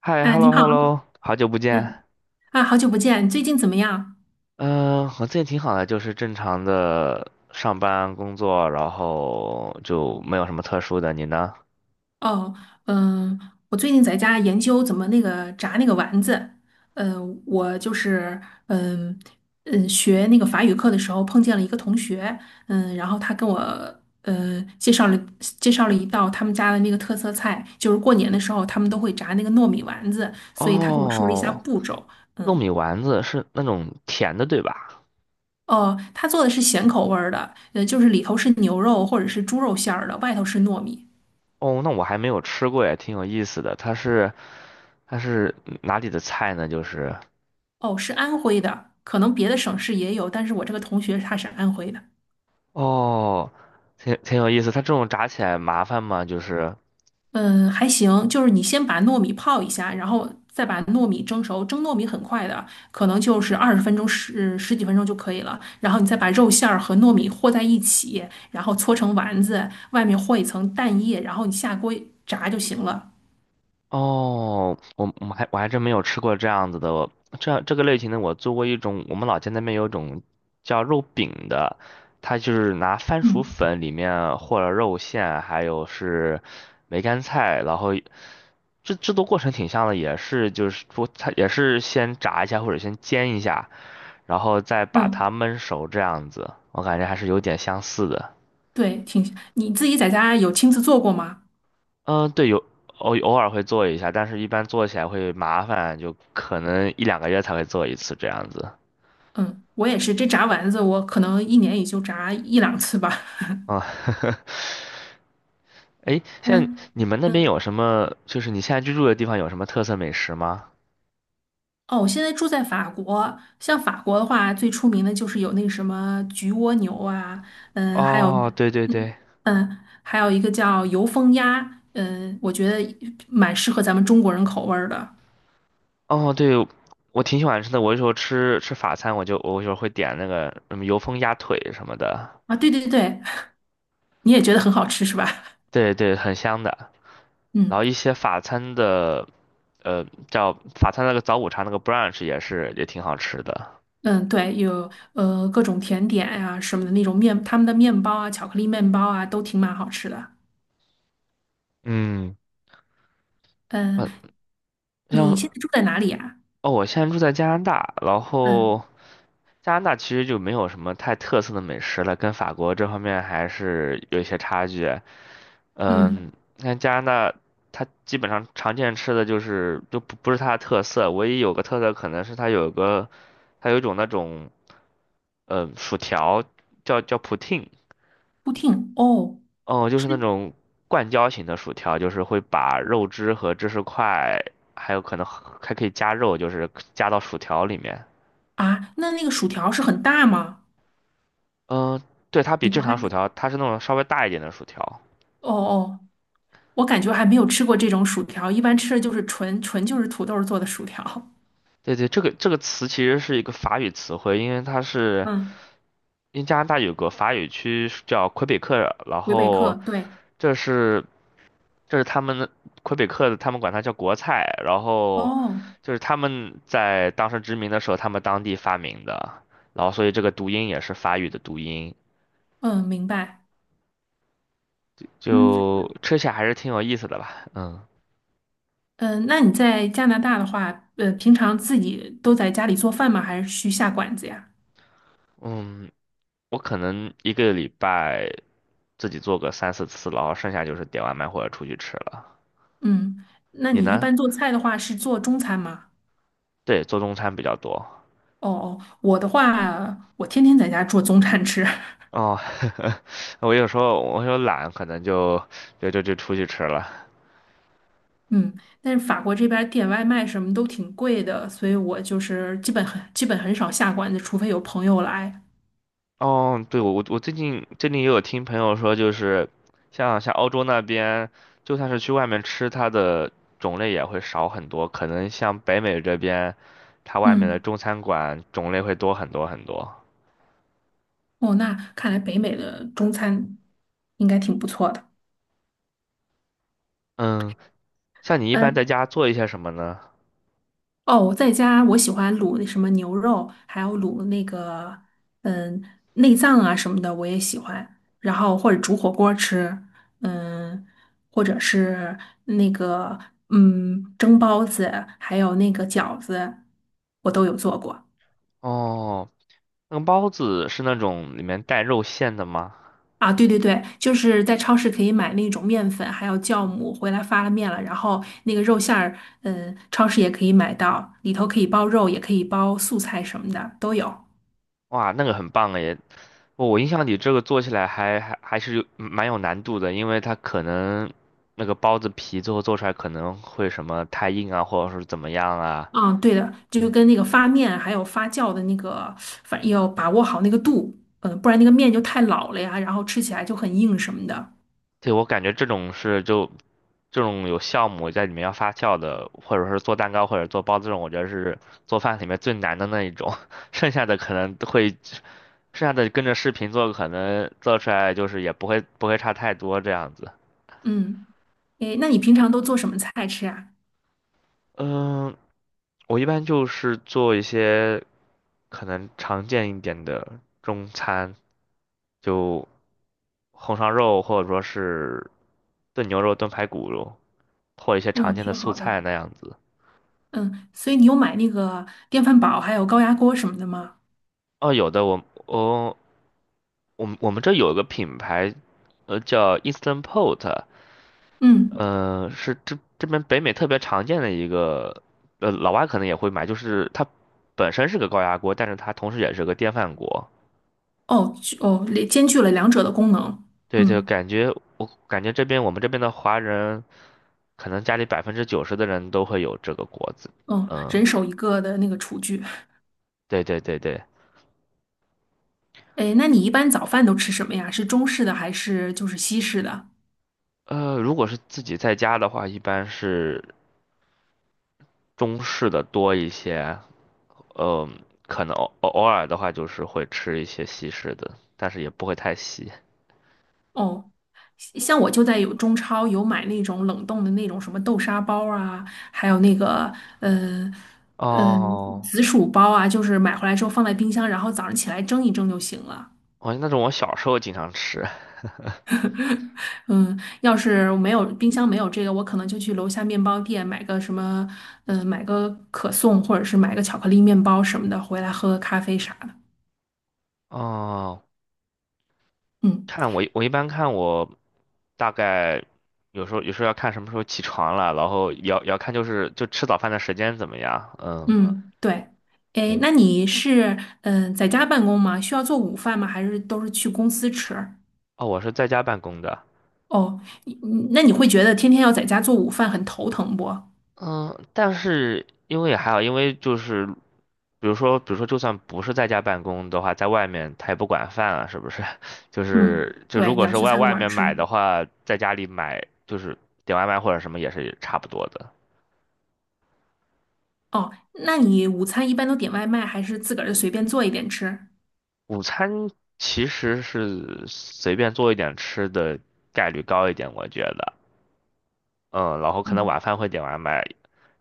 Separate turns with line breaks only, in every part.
嗨
啊，你
，hello
好，
hello，好久不
嗯。
见。
啊，好久不见，最近怎么样？
嗯、我最近挺好的，就是正常的上班工作，然后就没有什么特殊的。你呢？
哦，嗯，我最近在家研究怎么那个炸那个丸子。我就是，嗯学那个法语课的时候碰见了一个同学。然后他跟我嗯介绍了介绍了一道他们家的那个特色菜，就是过年的时候他们都会炸那个糯米丸子，所以他跟我说了一下
哦，
步骤。
糯
嗯。
米丸子是那种甜的，对吧？
哦，他做的是咸口味儿的，就是里头是牛肉或者是猪肉馅儿的，外头是糯米。
哦，那我还没有吃过，也挺有意思的。它是哪里的菜呢？就是
哦，是安徽的，可能别的省市也有，但是我这个同学他是安徽的。
哦，挺有意思。它这种炸起来麻烦吗？就是
嗯，还行，就是你先把糯米泡一下，然后再把糯米蒸熟。蒸糯米很快的，可能就是20分钟十几分钟就可以了。然后你再把肉馅儿和糯米和在一起，然后搓成丸子，外面和一层蛋液，然后你下锅炸就行了。
哦，我还真没有吃过这样子的，这个类型的我做过一种，我们老家那边有一种叫肉饼的，它就是拿番薯
嗯
粉里面和了肉馅，还有是梅干菜，然后制作过程挺像的，也是就是说它也是先炸一下或者先煎一下，然后再把
嗯，
它焖熟这样子，我感觉还是有点相似的。
对，挺，你自己在家有亲自做过吗？
嗯，对，有偶尔会做一下，但是一般做起来会麻烦，就可能一两个月才会做一次这样子。
嗯，我也是，这炸丸子我可能一年也就炸一两次吧。
啊，哎，像
嗯
你们那边有
嗯。
什么？就是你现在居住的地方有什么特色美食吗？
哦，我现在住在法国，像法国的话，最出名的就是有那个什么焗蜗牛啊，还有，
哦，对对
嗯
对，
还有一个叫油封鸭，我觉得蛮适合咱们中国人口味儿的。
哦对，我挺喜欢吃的。我有时候吃法餐，我有时候会点那个什么油封鸭腿什么的，
啊。对对对，你也觉得很好吃是吧？
对对，很香的。然
嗯
后一些法餐的，叫法餐那个早午茶那个 brunch 也是也挺好吃的。
嗯，对，有各种甜点呀、什么的那种面，他们的面包啊、巧克力面包啊，都挺蛮好吃的。
嗯，嗯，
嗯，你
像
现在住在哪里啊？
哦，我现在住在加拿大，然
嗯
后加拿大其实就没有什么太特色的美食了，跟法国这方面还是有一些差距。嗯，
嗯，
你看加拿大，它基本上常见吃的就是就不是它的特色，唯一有个特色可能是它有个，它有一种那种，嗯，薯条叫 poutine，
布汀哦。
哦，就是那
是。
种灌浇型的薯条，就是会把肉汁和芝士块，还有可能还可以加肉，就是加到薯条里面。
啊，那个薯条是很大吗？
嗯、对，它比
你
正
们还，
常薯条，它是那种稍微大一点的薯条。
哦哦，我感觉还没有吃过这种薯条，一般吃的就是纯就是土豆做的薯条。
对对，这个词其实是一个法语词汇，因为它是
嗯，
因为加拿大有个法语区是叫魁北克，然
魁北克，
后
对，
这是这是他们的魁北克的，他们管它叫国菜，然后
哦，
就是他们在当时殖民的时候，他们当地发明的，然后所以这个读音也是法语的读音，
嗯，明白。嗯
就吃起来还是挺有意思的吧，嗯
嗯，呃那你在加拿大的话，平常自己都在家里做饭吗？还是去下馆子呀？
嗯，我可能一个礼拜自己做个三四次，然后剩下就是点外卖或者出去吃了。
嗯，那
你
你一
呢？
般做菜的话是做中餐吗？
对，做中餐比较多。
哦哦，我的话，我天天在家做中餐吃。
哦，我有懒，可能就就出去吃了。
嗯，但是法国这边儿点外卖什么都挺贵的，所以我就是基本很少下馆子，除非有朋友来。
哦，对，我最近也有听朋友说，就是像欧洲那边，就算是去外面吃，它的种类也会少很多。可能像北美这边，它外面的
嗯，
中餐馆种类会多很多很多。
哦，那看来北美的中餐应该挺不错的。
嗯，像你一般在
嗯，
家做一些什么呢？
哦，我在家我喜欢卤那什么牛肉，还有卤那个嗯内脏啊什么的，我也喜欢。然后或者煮火锅吃，嗯，或者是那个蒸包子，还有那个饺子，我都有做过。
哦，那个包子是那种里面带肉馅的吗？
啊，对对对，就是在超市可以买那种面粉，还有酵母，回来发了面了，然后那个肉馅儿，超市也可以买到，里头可以包肉，也可以包素菜什么的都有。
哇，那个很棒诶！我印象里这个做起来还是有嗯蛮有难度的，因为它可能那个包子皮最后做出来可能会什么太硬啊，或者是怎么样啊。
嗯，对的，这就
哎
跟那个发面还有发酵的那个，反正要把握好那个度，不然那个面就太老了呀，然后吃起来就很硬什么的。
对，我感觉这种是就这种有酵母在里面要发酵的，或者是做蛋糕或者做包子这种，我觉得是做饭里面最难的那一种。剩下的可能都会，剩下的跟着视频做，可能做出来就是也不会差太多这样子。
嗯，诶，那你平常都做什么菜吃啊？
嗯，我一般就是做一些可能常见一点的中餐，就红烧肉或者说是炖牛肉、炖排骨肉，或一些常
嗯，
见的
挺
素
好的。
菜那样子。
嗯，所以你有买那个电饭煲还有高压锅什么的吗？
哦，有的，我们这有一个品牌，叫 Instant Pot，
嗯。
是这边北美特别常见的一个，老外可能也会买，就是它本身是个高压锅，但是它同时也是个电饭锅。
哦哦，兼具了两者的功能。
对对，
嗯
我感觉这边我们这边的华人，可能家里90%的人都会有这个锅子。
嗯，
嗯，
人手一个的那个厨具。
对，
哎，那你一般早饭都吃什么呀？是中式的还是就是西式的？
如果是自己在家的话，一般是中式的多一些。嗯，可能偶尔的话就是会吃一些西式的，但是也不会太西
哦，像我就在有中超有买那种冷冻的那种什么豆沙包啊，还有那个呃呃
哦，
紫薯包啊，就是买回来之后放在冰箱，然后早上起来蒸一蒸就行了。
哦，那种我小时候经常吃。
嗯，要是没有冰箱没有这个，我可能就去楼下面包店买个什么，买个可颂或者是买个巧克力面包什么的，回来喝个咖啡啥的。
哦，
嗯
我一般看我大概有时候要看什么时候起床了，然后也要看就是就吃早饭的时间怎么样。嗯，
嗯，对。哎，
对，
那你是在家办公吗？需要做午饭吗？还是都是去公司吃？
哦，我是在家办公的。
哦，那你会觉得天天要在家做午饭很头疼不？
嗯，但是因为也还好，因为就是，比如说，就算不是在家办公的话，在外面他也不管饭啊，是不是？就
嗯，
是就如
对，你
果
要
是
去
外
餐
外
馆儿
面买
吃。
的话，在家里买就是点外卖或者什么也是差不多的。
哦，那你午餐一般都点外卖，还是自个儿就随便做一点吃？
午餐其实是随便做一点吃的概率高一点，我觉得。嗯，然后可能
嗯
晚饭会点外卖，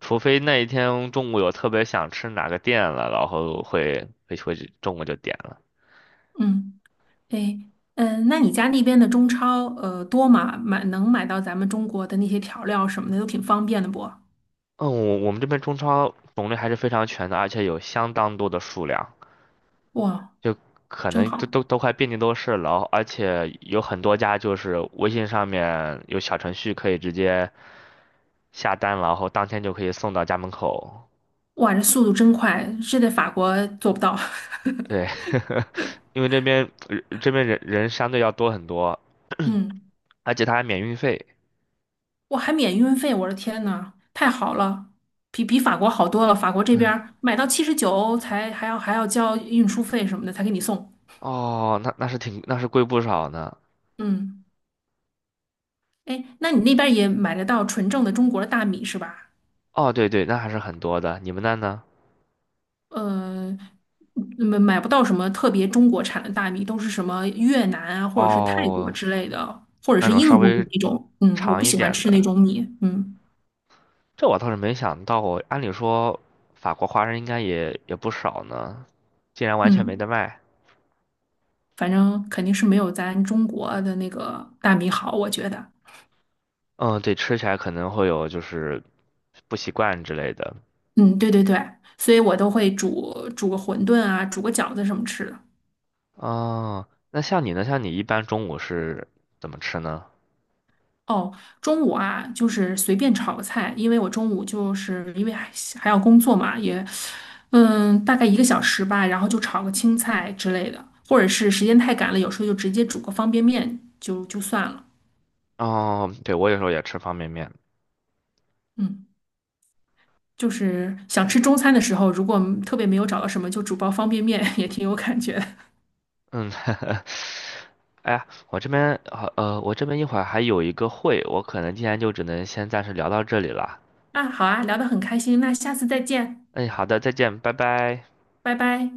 除非那一天中午有特别想吃哪个店了，然后会中午就点了。
嗯。哎，那你家那边的中超，多吗？买能买到咱们中国的那些调料什么的，都挺方便的不？
嗯，我们这边中超种类还是非常全的，而且有相当多的数量，
哇，
就可
真
能都
好！
都都快遍地都是了。而且有很多家就是微信上面有小程序可以直接下单，然后当天就可以送到家门口。
哇，这速度真快，这在法国做不到。
对，因为这边这边人相对要多很多，
嗯，
而且它还免运费。
我还免运费，我的天呐，太好了，比法国好多了。法国这边儿买到79才还要交运输费什么的才给你送。
哦，那是贵不少呢。
嗯，哎，那你那边儿也买得到纯正的中国的大米是吧？
哦，对对，那还是很多的。你们那呢？
呃，买不到什么特别中国产的大米，都是什么越南啊，或者是泰国
哦，
之类的，或者
那
是
种稍
印度
微
那种。嗯，我
长
不
一
喜欢
点
吃那
的，
种米。嗯
这我倒是没想到过。按理说，法国华人应该也不少呢，竟然完全没得
嗯，
卖。
反正肯定是没有咱中国的那个大米好，我觉得。
嗯，对，吃起来可能会有就是不习惯之类的。
嗯，对对对，所以我都会煮个馄饨啊，煮个饺子什么吃的。
哦，那像你呢？像你一般中午是怎么吃呢？
哦，中午啊，就是随便炒个菜，因为我中午就是因为还要工作嘛，也，嗯，大概一个小时吧，然后就炒个青菜之类的，或者是时间太赶了，有时候就直接煮个方便面就算了。
哦，对，我有时候也吃方便面。
嗯，就是想吃中餐的时候，如果特别没有找到什么，就煮包方便面 也挺有感觉的。
嗯，哎呀，我这边好，我这边一会儿还有一个会，我可能今天就只能先暂时聊到这里了。
啊，好啊，聊得很开心，那下次再见，
哎，好的，再见，拜拜。
拜拜。